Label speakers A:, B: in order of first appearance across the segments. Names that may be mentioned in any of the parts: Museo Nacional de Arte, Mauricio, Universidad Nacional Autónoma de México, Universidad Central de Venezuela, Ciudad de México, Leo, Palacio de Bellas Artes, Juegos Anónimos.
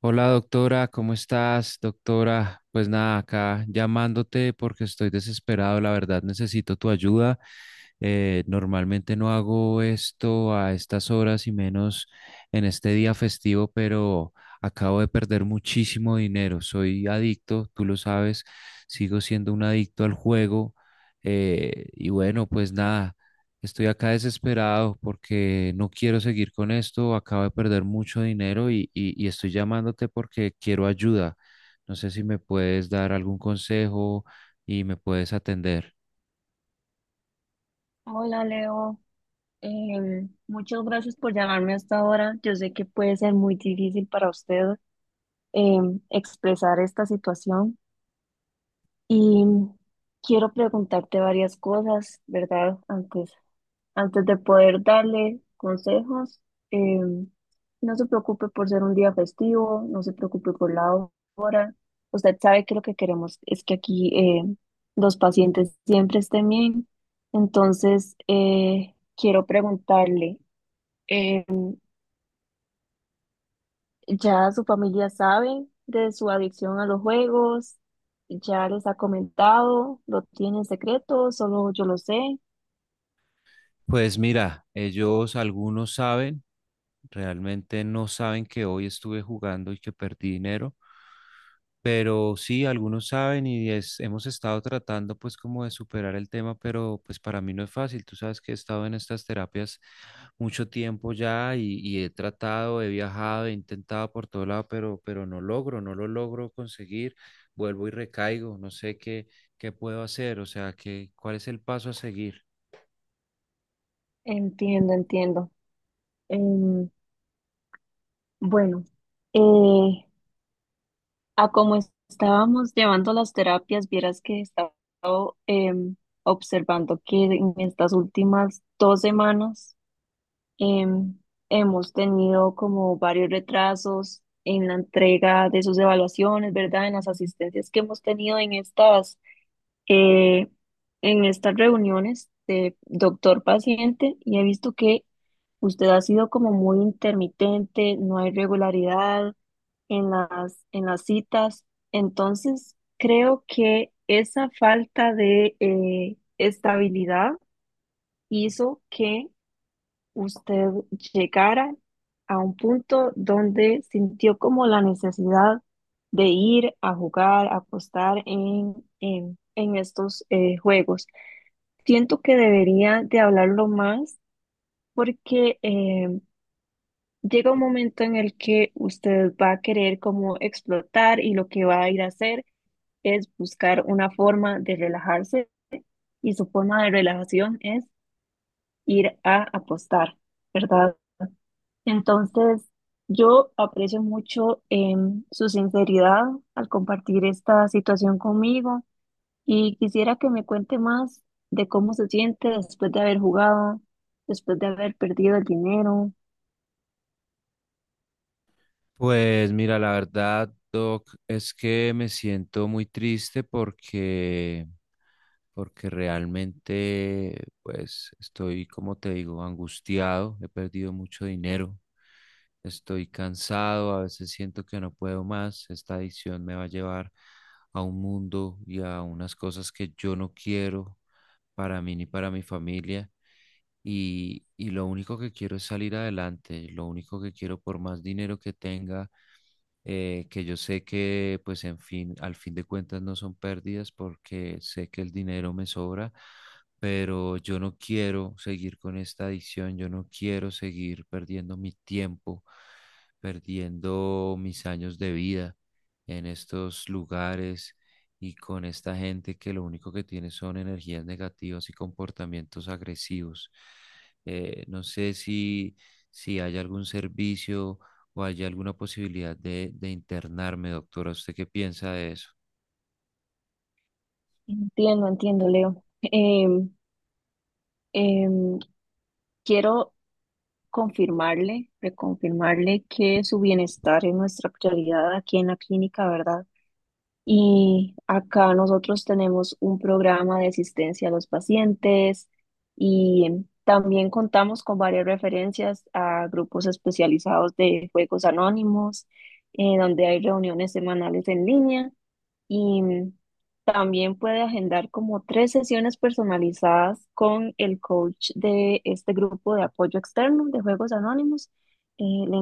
A: Hola doctora, ¿cómo estás? Doctora, pues nada, acá llamándote porque estoy desesperado, la verdad necesito tu ayuda. Normalmente no hago esto a estas horas y menos en este día festivo, pero acabo de perder muchísimo dinero. Soy adicto, tú lo sabes, sigo siendo un adicto al juego. Y bueno, pues nada. Estoy acá desesperado porque no quiero seguir con esto. Acabo de perder mucho dinero y estoy llamándote porque quiero ayuda. No sé si me puedes dar algún consejo y me puedes atender.
B: Hola Leo, muchas gracias por llamarme hasta ahora. Yo sé que puede ser muy difícil para usted expresar esta situación y quiero preguntarte varias cosas, ¿verdad? Antes de poder darle consejos, eh, no se preocupe por ser un día festivo, no se preocupe por la hora. Usted sabe que lo que queremos es que aquí los pacientes siempre estén bien. Entonces, quiero preguntarle, eh, ¿ya su familia sabe de su adicción a los juegos? ¿Ya les ha comentado? ¿Lo tiene en secreto? ¿Solo yo lo sé?
A: Pues mira, ellos algunos saben, realmente no saben que hoy estuve jugando y que perdí dinero. Pero sí, algunos saben y hemos estado tratando pues como de superar el tema, pero pues para mí no es fácil. Tú sabes que he estado en estas terapias mucho tiempo ya y he tratado, he viajado, he intentado por todo lado, pero no logro, no lo logro conseguir. Vuelvo y recaigo, no sé qué, qué puedo hacer, o sea, qué, ¿cuál es el paso a seguir?
B: Entiendo, entiendo. Em, Bueno, eh, a como estábamos llevando las terapias, vieras que he estado observando que en estas últimas 2 semanas em, hemos tenido como varios retrasos en la entrega de sus evaluaciones, ¿verdad? En las asistencias que hemos tenido eh, en estas reuniones de doctor-paciente y he visto que usted ha sido como muy intermitente, no hay regularidad en las citas. Entonces, creo que esa falta de estabilidad hizo que usted llegara a un punto donde sintió como la necesidad de ir a jugar, a apostar en estos juegos. Siento que debería de hablarlo más porque llega un momento en el que usted va a querer como explotar y lo que va a ir a hacer es buscar una forma de relajarse y su forma de relajación es ir a apostar, ¿verdad? Entonces, yo aprecio mucho su sinceridad al compartir esta situación conmigo y quisiera que me cuente más de cómo se siente después de haber jugado, después de haber perdido el dinero.
A: Pues mira, la verdad, Doc, es que me siento muy triste porque... porque realmente, pues, estoy, como te digo, angustiado, he perdido mucho dinero, estoy cansado, a veces siento que no puedo más, esta adicción me va a llevar a un mundo y a unas cosas que yo no quiero para mí ni para mi familia. Y lo único que quiero es salir adelante, lo único que quiero por más dinero que tenga que yo sé que, pues, en fin, al fin de cuentas no son pérdidas porque sé que el dinero me sobra, pero yo no quiero seguir con esta adicción, yo no quiero seguir perdiendo mi tiempo, perdiendo mis años de vida en estos lugares y con esta gente que lo único que tiene son energías negativas y comportamientos agresivos. No sé si, si hay algún servicio o hay alguna posibilidad de internarme, ¿doctora? ¿Usted qué piensa de eso?
B: Entiendo, entiendo, Leo. Em, em, quiero confirmarle, reconfirmarle que su bienestar es nuestra prioridad aquí en la clínica, ¿verdad? Y acá nosotros tenemos un programa de asistencia a los pacientes y también contamos con varias referencias a grupos especializados de juegos anónimos, donde hay reuniones semanales en línea y también puede agendar como 3 sesiones personalizadas con el coach de este grupo de apoyo externo de Juegos Anónimos. Le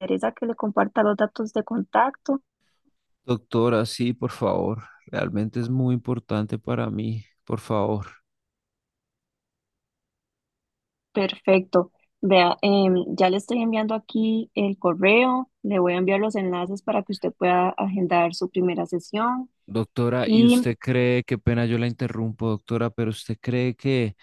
B: interesa que le comparta los datos de contacto.
A: Doctora, sí, por favor. Realmente es muy importante para mí, por favor.
B: Perfecto. Vea, ya le estoy enviando aquí el correo, le voy a enviar los enlaces para que usted pueda agendar su primera sesión.
A: Doctora, ¿y
B: Y
A: usted cree, qué pena yo la interrumpo, doctora, pero usted cree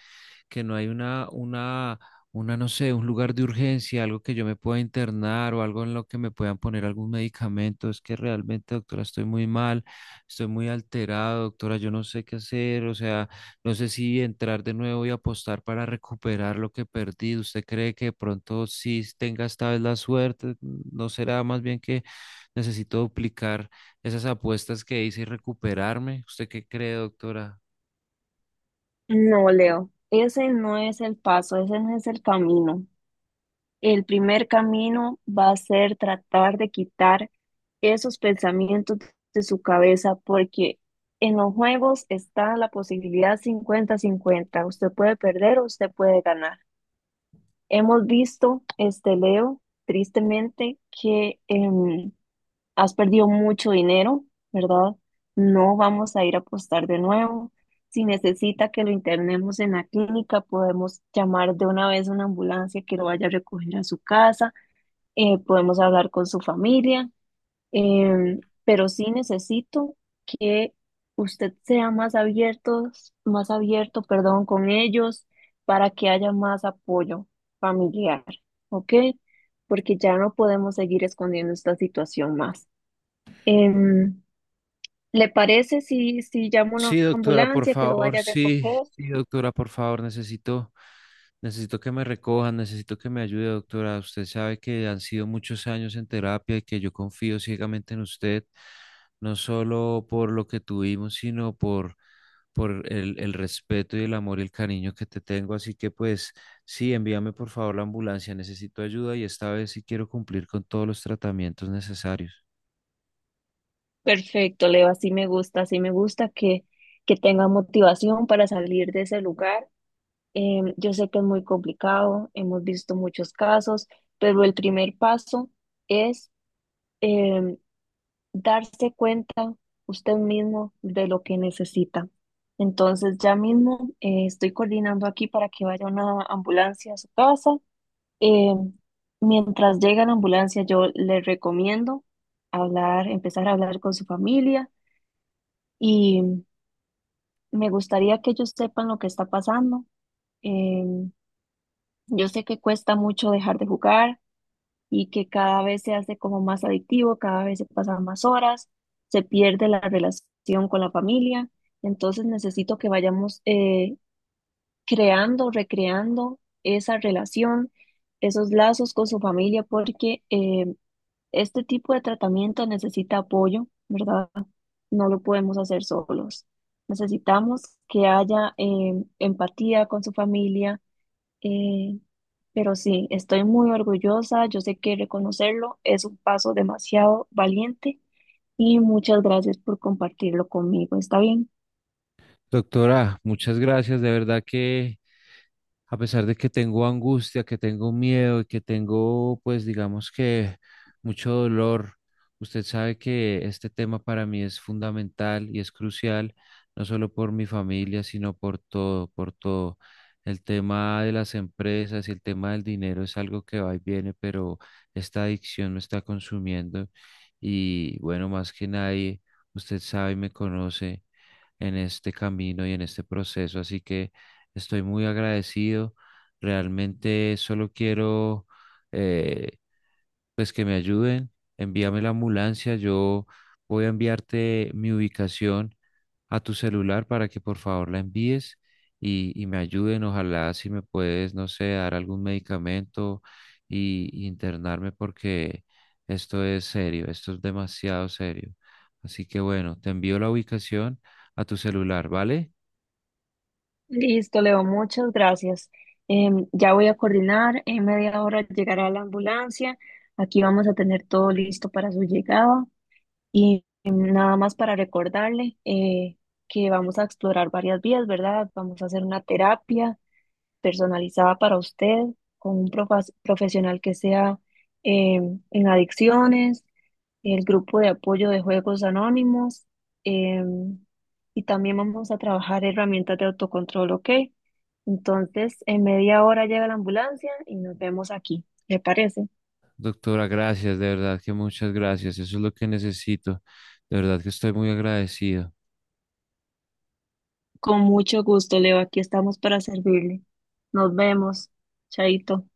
A: que no hay una, no sé, un lugar de urgencia, algo que yo me pueda internar o algo en lo que me puedan poner algún medicamento? Es que realmente, doctora, estoy muy mal, estoy muy alterado, doctora, yo no sé qué hacer, o sea, no sé si entrar de nuevo y apostar para recuperar lo que perdí. ¿Usted cree que de pronto sí tenga esta vez la suerte? ¿No será más bien que necesito duplicar esas apuestas que hice y recuperarme? ¿Usted qué cree, doctora?
B: no, Leo, ese no es el paso, ese no es el camino. El primer camino va a ser tratar de quitar esos pensamientos de su cabeza, porque en los juegos está la posibilidad 50/50. Usted puede perder o usted puede ganar. Hemos visto, este Leo, tristemente, que has perdido mucho dinero, ¿verdad? No vamos a ir a apostar de nuevo. Si necesita que lo internemos en la clínica, podemos llamar de una vez una ambulancia que lo vaya a recoger a su casa, podemos hablar con su familia, pero sí necesito que usted sea más abierto, perdón, con ellos para que haya más apoyo familiar, ¿ok? Porque ya no podemos seguir escondiendo esta situación más. Em, ¿Le parece si, si llamo a
A: Sí,
B: una
A: doctora, por
B: ambulancia que lo
A: favor,
B: vaya a
A: sí,
B: recoger?
A: sí, doctora, por favor, necesito, necesito que me recojan, necesito que me ayude, doctora. Usted sabe que han sido muchos años en terapia y que yo confío ciegamente en usted, no solo por lo que tuvimos, sino por, el respeto y el amor y el cariño que te tengo. Así que pues sí, envíame por favor la ambulancia, necesito ayuda y esta vez sí quiero cumplir con todos los tratamientos necesarios.
B: Perfecto, Leo, así me gusta que tenga motivación para salir de ese lugar. Yo sé que es muy complicado, hemos visto muchos casos, pero el primer paso es em, darse cuenta usted mismo de lo que necesita. Entonces, ya mismo estoy coordinando aquí para que vaya una ambulancia a su casa. Em, mientras llega la ambulancia, yo le recomiendo hablar, empezar a hablar con su familia y me gustaría que ellos sepan lo que está pasando. Em, Yo sé que cuesta mucho dejar de jugar y que cada vez se hace como más adictivo, cada vez se pasan más horas, se pierde la relación con la familia. Entonces necesito que vayamos creando, recreando esa relación, esos lazos con su familia, porque este tipo de tratamiento necesita apoyo, ¿verdad? No lo podemos hacer solos. Necesitamos que haya empatía con su familia, eh, pero sí, estoy muy orgullosa, yo sé que reconocerlo es un paso demasiado valiente y muchas gracias por compartirlo conmigo, ¿está bien?
A: Doctora, muchas gracias. De verdad que a pesar de que tengo angustia, que tengo miedo y que tengo, pues digamos que mucho dolor, usted sabe que este tema para mí es fundamental y es crucial, no solo por mi familia, sino por todo, por todo. El tema de las empresas y el tema del dinero es algo que va y viene, pero esta adicción me está consumiendo y bueno, más que nadie, usted sabe y me conoce en este camino y en este proceso. Así que estoy muy agradecido. Realmente solo quiero eh, pues que me ayuden. Envíame la ambulancia. Yo voy a enviarte mi ubicación a tu celular para que por favor la envíes y me ayuden. Ojalá si me puedes, no sé, dar algún medicamento y internarme porque esto es serio, esto es demasiado serio. Así que bueno, te envío la ubicación a tu celular, ¿vale?
B: Listo, Leo, muchas gracias. Ya voy a coordinar, en media hora llegará la ambulancia, aquí vamos a tener todo listo para su llegada y nada más para recordarle que vamos a explorar varias vías, ¿verdad? Vamos a hacer una terapia personalizada para usted, con un profesional que sea eh, en adicciones, el grupo de apoyo de juegos anónimos, eh, y también vamos a trabajar herramientas de autocontrol, ¿ok? Entonces, en media hora llega la ambulancia y nos vemos aquí, ¿le parece?
A: Doctora, gracias, de verdad que muchas gracias. Eso es lo que necesito. De verdad que estoy muy agradecido.
B: Con mucho gusto, Leo, aquí estamos para servirle. Nos vemos, Chaito.